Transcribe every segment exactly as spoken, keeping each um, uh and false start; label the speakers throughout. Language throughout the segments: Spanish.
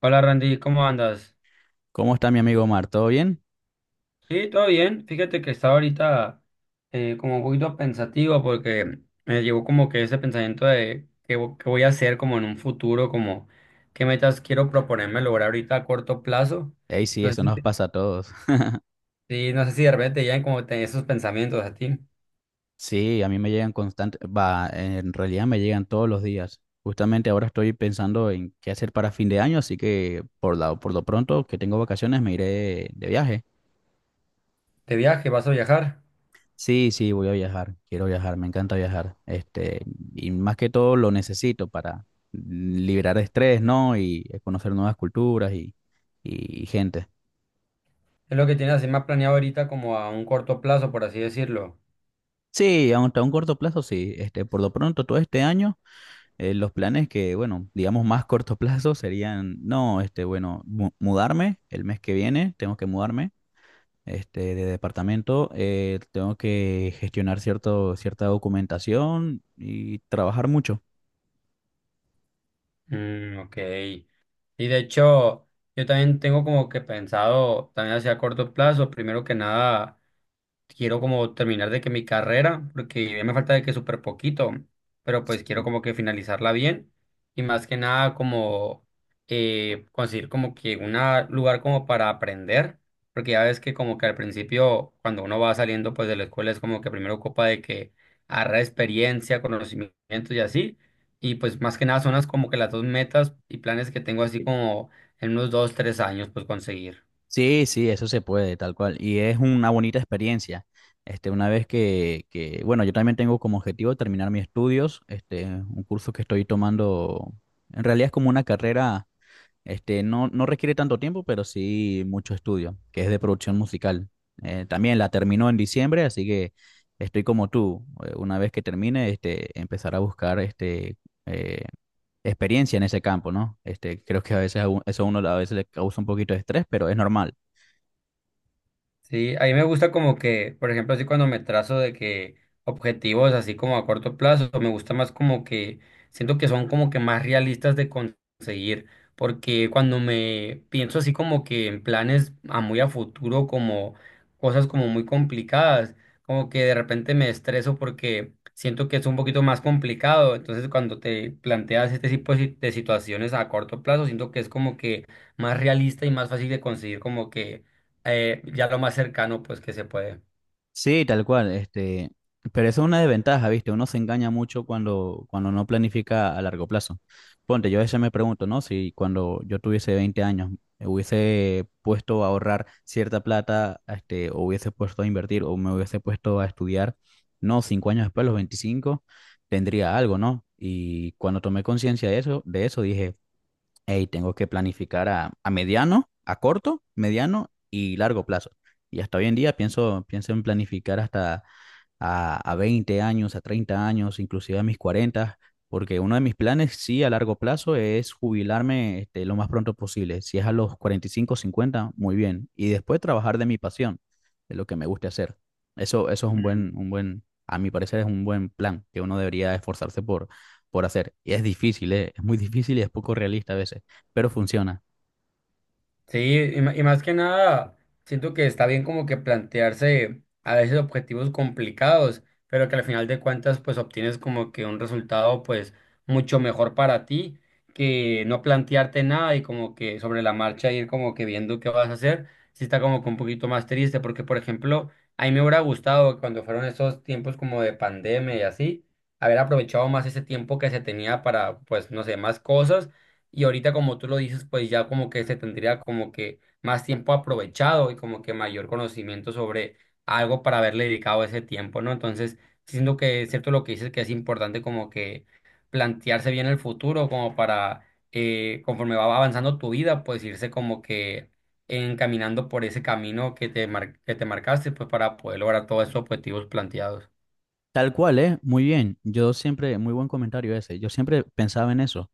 Speaker 1: Hola Randy, ¿cómo andas?
Speaker 2: ¿Cómo está mi amigo Omar? ¿Todo bien?
Speaker 1: Sí, todo bien. Fíjate que estaba ahorita eh, como un poquito pensativo porque me llegó como que ese pensamiento de qué, vo- qué voy a hacer como en un futuro, como qué metas quiero proponerme lograr ahorita a corto plazo.
Speaker 2: Ey, sí,
Speaker 1: No sé
Speaker 2: eso
Speaker 1: si,
Speaker 2: nos
Speaker 1: te-
Speaker 2: pasa a todos.
Speaker 1: sí, no sé si de repente te llegan como te- esos pensamientos a ti.
Speaker 2: Sí, a mí me llegan constante, va, en realidad me llegan todos los días. Justamente ahora estoy pensando en qué hacer para fin de año, así que por la, por lo pronto que tengo vacaciones me iré de viaje.
Speaker 1: De viaje, vas a viajar.
Speaker 2: Sí, sí, voy a viajar, quiero viajar, me encanta viajar. Este, y más que todo lo necesito para liberar estrés, ¿no? Y conocer nuevas culturas y, y gente.
Speaker 1: Es lo que tienes así más planeado ahorita como a un corto plazo, por así decirlo.
Speaker 2: Sí, aunque a un corto plazo, sí. Este, por lo pronto todo este año. Eh, los planes que, bueno, digamos más corto plazo serían, no, este, bueno, mu- mudarme el mes que viene, tengo que mudarme, este, de departamento, eh, tengo que gestionar cierto, cierta documentación y trabajar mucho.
Speaker 1: Mm, ok. Y de hecho, yo también tengo como que pensado, también hacia corto plazo, primero que nada quiero como terminar de que mi carrera, porque ya me falta de que súper poquito, pero pues quiero como que finalizarla bien y más que nada como eh, conseguir como que un lugar como para aprender, porque ya ves que como que al principio cuando uno va saliendo pues de la escuela es como que primero ocupa de que agarrar experiencia, conocimientos y así, y pues más que nada son las como que las dos metas y planes que tengo así como en unos dos, tres años pues conseguir.
Speaker 2: Sí, sí, eso se puede, tal cual. Y es una bonita experiencia. Este, una vez que, que, bueno, yo también tengo como objetivo terminar mis estudios, este, un curso que estoy tomando, en realidad es como una carrera. Este, no, no requiere tanto tiempo, pero sí mucho estudio, que es de producción musical. Eh, también la terminó en diciembre, así que estoy como tú. eh, Una vez que termine, este, empezar a buscar este, eh, experiencia en ese campo, ¿no? Este, creo que a veces a u- eso a uno a veces le causa un poquito de estrés, pero es normal.
Speaker 1: Sí, a mí me gusta como que, por ejemplo, así cuando me trazo de que objetivos así como a corto plazo, me gusta más como que siento que son como que más realistas de conseguir, porque cuando me pienso así como que en planes a muy a futuro, como cosas como muy complicadas, como que de repente me estreso porque siento que es un poquito más complicado, entonces cuando te planteas este tipo de si- de situaciones a corto plazo, siento que es como que más realista y más fácil de conseguir como que eh, ya lo más cercano pues que se puede.
Speaker 2: Sí, tal cual, este, pero eso es una desventaja, ¿viste? Uno se engaña mucho cuando, cuando no planifica a largo plazo. Ponte, yo a veces me pregunto, ¿no? Si cuando yo tuviese veinte años me hubiese puesto a ahorrar cierta plata, este, o hubiese puesto a invertir, o me hubiese puesto a estudiar, no, cinco años después, a los veinticinco, tendría algo, ¿no? Y cuando tomé conciencia de eso, de eso dije, hey, tengo que planificar a, a mediano, a corto, mediano y largo plazo. Y hasta hoy en día pienso, pienso en planificar hasta a, a veinte años, a treinta años, inclusive a mis cuarenta, porque uno de mis planes, sí, a largo plazo es jubilarme este, lo más pronto posible. Si es a los cuarenta y cinco cincuenta muy bien. Y después trabajar de mi pasión, de lo que me guste hacer. Eso, eso es un buen,
Speaker 1: Mm.
Speaker 2: un buen, a mi parecer es un buen plan que uno debería esforzarse por, por hacer. Y es difícil, ¿eh? Es muy difícil y es poco realista a veces, pero funciona.
Speaker 1: Sí, y, ma- y más que nada, siento que está bien como que plantearse a veces objetivos complicados, pero que al final de cuentas pues obtienes como que un resultado pues mucho mejor para ti que no plantearte nada y como que sobre la marcha ir como que viendo qué vas a hacer, sí está como que un poquito más triste, porque por ejemplo, a mí me hubiera gustado cuando fueron esos tiempos como de pandemia y así, haber aprovechado más ese tiempo que se tenía para pues no sé, más cosas y ahorita, como tú lo dices, pues ya como que se tendría como que más tiempo aprovechado y como que mayor conocimiento sobre algo para haberle dedicado ese tiempo, ¿no? Entonces, siento que es cierto lo que dices, que es importante como que plantearse bien el futuro, como para, eh, conforme va avanzando tu vida, pues irse como que encaminando por ese camino que te mar- que te marcaste, pues para poder lograr todos esos objetivos planteados.
Speaker 2: Tal cual, ¿eh? Muy bien. Yo siempre, muy buen comentario ese. Yo siempre pensaba en eso,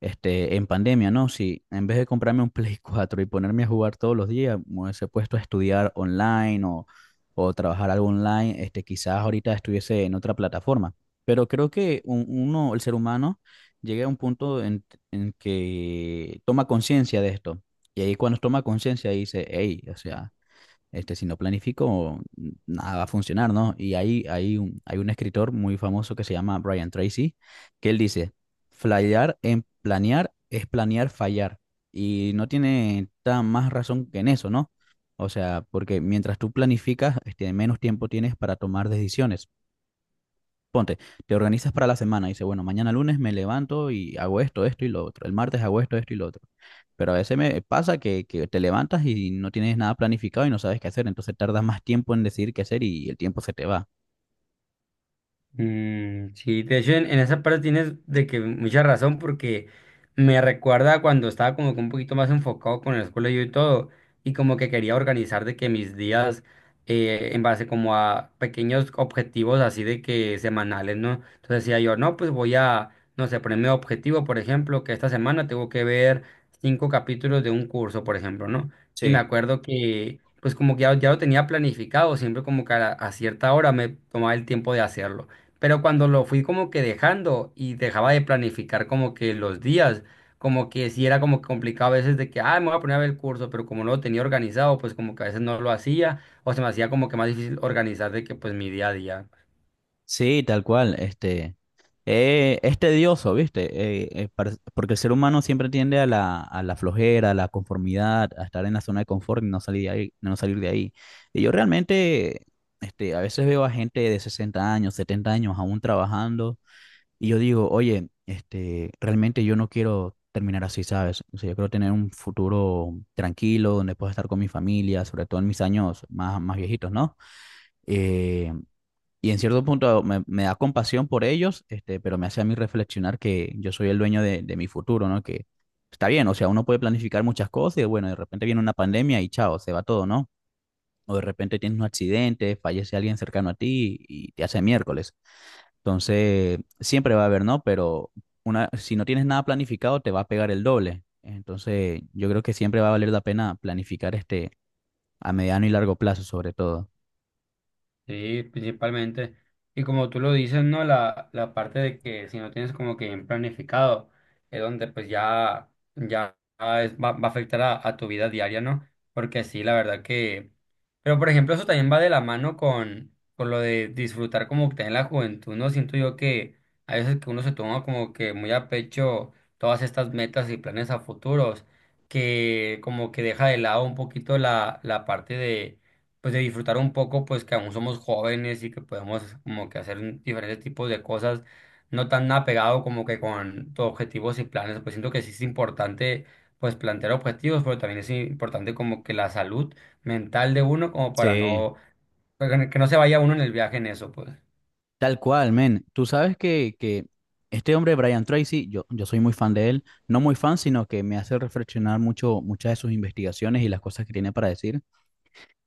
Speaker 2: este, en pandemia, ¿no? Si en vez de comprarme un Play cuatro y ponerme a jugar todos los días, me hubiese puesto a estudiar online o, o trabajar algo online, este, quizás ahorita estuviese en otra plataforma. Pero creo que un- uno, el ser humano, llega a un punto en, en que toma conciencia de esto. Y ahí cuando toma conciencia dice, hey, o sea... Este, si no planifico, nada va a funcionar, ¿no? Y ahí hay un, hay un escritor muy famoso que se llama Brian Tracy, que él dice, fallar en planear es planear fallar. Y no tiene tan más razón que en eso, ¿no? O sea, porque mientras tú planificas, este, menos tiempo tienes para tomar decisiones. Ponte, te organizas para la semana, dice, bueno, mañana lunes me levanto y hago esto, esto y lo otro, el martes hago esto, esto y lo otro. Pero a veces me pasa que, que te levantas y no tienes nada planificado y no sabes qué hacer, entonces tardas más tiempo en decidir qué hacer y el tiempo se te va.
Speaker 1: Mm, sí, de hecho en, en esa parte tienes de que mucha razón porque me recuerda cuando estaba como que un poquito más enfocado con la escuela yo y todo y como que quería organizar de que mis días eh, en base como a pequeños objetivos así de que semanales, ¿no? Entonces decía yo, no, pues voy a, no sé, ponerme objetivo, por ejemplo, que esta semana tengo que ver cinco capítulos de un curso, por ejemplo, ¿no? Y me
Speaker 2: Sí,
Speaker 1: acuerdo que pues como que ya, ya lo tenía planificado, siempre como que a a cierta hora me tomaba el tiempo de hacerlo. Pero cuando lo fui como que dejando y dejaba de planificar como que los días, como que sí era como que complicado a veces de que, ah, me voy a poner a ver el curso, pero como no lo tenía organizado, pues como que a veces no lo hacía o se me hacía como que más difícil organizar de que pues mi día a día.
Speaker 2: sí, tal cual. Este, eh, es tedioso, ¿viste? Eh, eh, par- porque el ser humano siempre tiende a la, a la flojera, a la conformidad, a estar en la zona de confort y no salir de ahí, no salir de ahí. Y yo realmente, este, a veces veo a gente de sesenta años, setenta años aún trabajando y yo digo, oye, este, realmente yo no quiero terminar así, ¿sabes? O sea, yo quiero tener un futuro tranquilo donde pueda estar con mi familia, sobre todo en mis años más, más viejitos, ¿no? Eh, y en cierto punto me, me da compasión por ellos, este, pero me hace a mí reflexionar que yo soy el dueño de, de mi futuro, ¿no? Que está bien, o sea, uno puede planificar muchas cosas y bueno, de repente viene una pandemia y chao, se va todo, ¿no? O de repente tienes un accidente, fallece alguien cercano a ti y te hace miércoles. Entonces, siempre va a haber, ¿no? Pero una, si no tienes nada planificado, te va a pegar el doble. Entonces, yo creo que siempre va a valer la pena planificar este a mediano y largo plazo, sobre todo.
Speaker 1: Sí, principalmente. Y como tú lo dices, ¿no? La, la parte de que si no tienes como que bien planificado, es donde pues ya, ya es- va, va a afectar a, a tu vida diaria, ¿no? Porque sí, la verdad que... Pero por ejemplo, eso también va de la mano con, con lo de disfrutar como que en la juventud, ¿no? Siento yo que a veces que uno se toma como que muy a pecho todas estas metas y planes a futuros, que como que deja de lado un poquito la, la parte de pues de disfrutar un poco, pues que aún somos jóvenes y que podemos como que hacer un- diferentes tipos de cosas, no tan apegado como que con tus objetivos y planes, pues siento que sí es importante pues plantear objetivos, pero también es importante como que la salud mental de uno como para
Speaker 2: Sí.
Speaker 1: no, para que no se vaya uno en el viaje en eso, pues.
Speaker 2: Tal cual, men. Tú sabes que, que este hombre, Brian Tracy, yo, yo soy muy fan de él. No muy fan, sino que me hace reflexionar mucho muchas de sus investigaciones y las cosas que tiene para decir.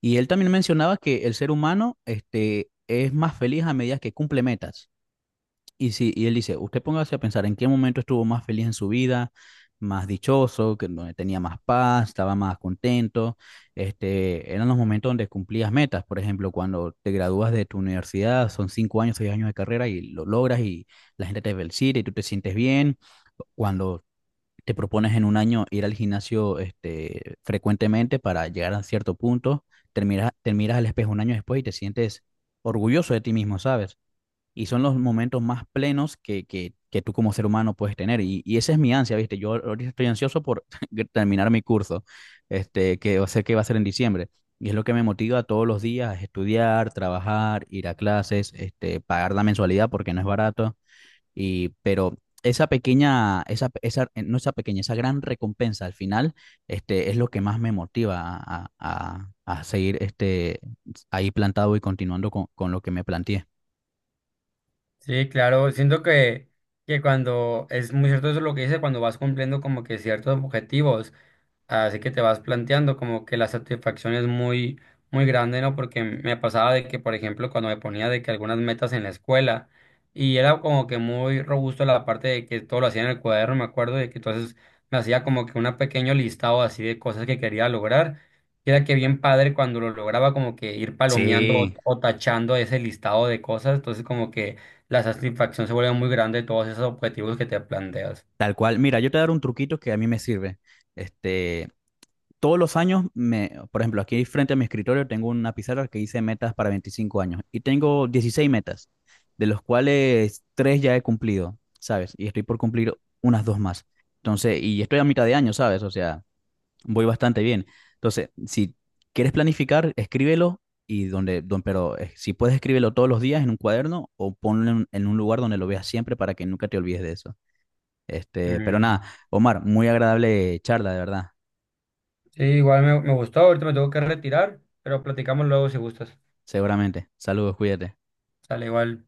Speaker 2: Y él también mencionaba que el ser humano, este, es más feliz a medida que cumple metas. Y sí, y él dice, usted póngase a pensar en qué momento estuvo más feliz en su vida, más dichoso, que donde tenía más paz, estaba más contento. Este, eran los momentos donde cumplías metas. Por ejemplo, cuando te gradúas de tu universidad, son cinco años, seis años de carrera y lo logras y la gente te felicita y tú te sientes bien. Cuando te propones en un año ir al gimnasio, este, frecuentemente para llegar a cierto punto, te miras, te miras al espejo un año después y te sientes orgulloso de ti mismo, ¿sabes? Y son los momentos más plenos que, que, que tú como ser humano puedes tener. Y, y esa es mi ansia, ¿viste? Yo ahorita estoy ansioso por terminar mi curso, este, que va a ser, que va a ser en diciembre. Y es lo que me motiva todos los días, es estudiar, trabajar, ir a clases, este, pagar la mensualidad porque no es barato. Y, pero esa pequeña, esa, esa, eh, no esa pequeña, esa gran recompensa al final, este, es lo que más me motiva a, a, a seguir este, ahí plantado y continuando con, con lo que me planteé.
Speaker 1: Sí, claro, siento que, que cuando es muy cierto eso lo que dice, cuando vas cumpliendo como que ciertos objetivos. Así que te vas planteando como que la satisfacción es muy, muy grande, ¿no? Porque me pasaba de que, por ejemplo, cuando me ponía de que algunas metas en la escuela, y era como que muy robusto la parte de que todo lo hacía en el cuaderno, me acuerdo de que entonces me hacía como que un pequeño listado así de cosas que quería lograr. Y era que bien padre cuando lo lograba como que ir palomeando o,
Speaker 2: Sí,
Speaker 1: o tachando ese listado de cosas, entonces como que la satisfacción se vuelve muy grande de todos esos objetivos que te planteas.
Speaker 2: tal cual. Mira, yo te daré un truquito que a mí me sirve. Este, todos los años, me, por ejemplo, aquí frente a mi escritorio tengo una pizarra que hice metas para veinticinco años y tengo dieciséis metas, de los cuales tres ya he cumplido, ¿sabes? Y estoy por cumplir unas dos más. Entonces, y estoy a mitad de año, ¿sabes? O sea, voy bastante bien. Entonces, si quieres planificar, escríbelo y donde, don, pero eh, si puedes escríbelo todos los días en un cuaderno o ponlo en en un lugar donde lo veas siempre para que nunca te olvides de eso. Este, pero nada,
Speaker 1: Ujú.
Speaker 2: Omar, muy agradable charla, de verdad.
Speaker 1: Sí, igual me, me gustó, ahorita me tengo que retirar, pero platicamos luego si gustas.
Speaker 2: Seguramente. Saludos, cuídate.
Speaker 1: Sale igual.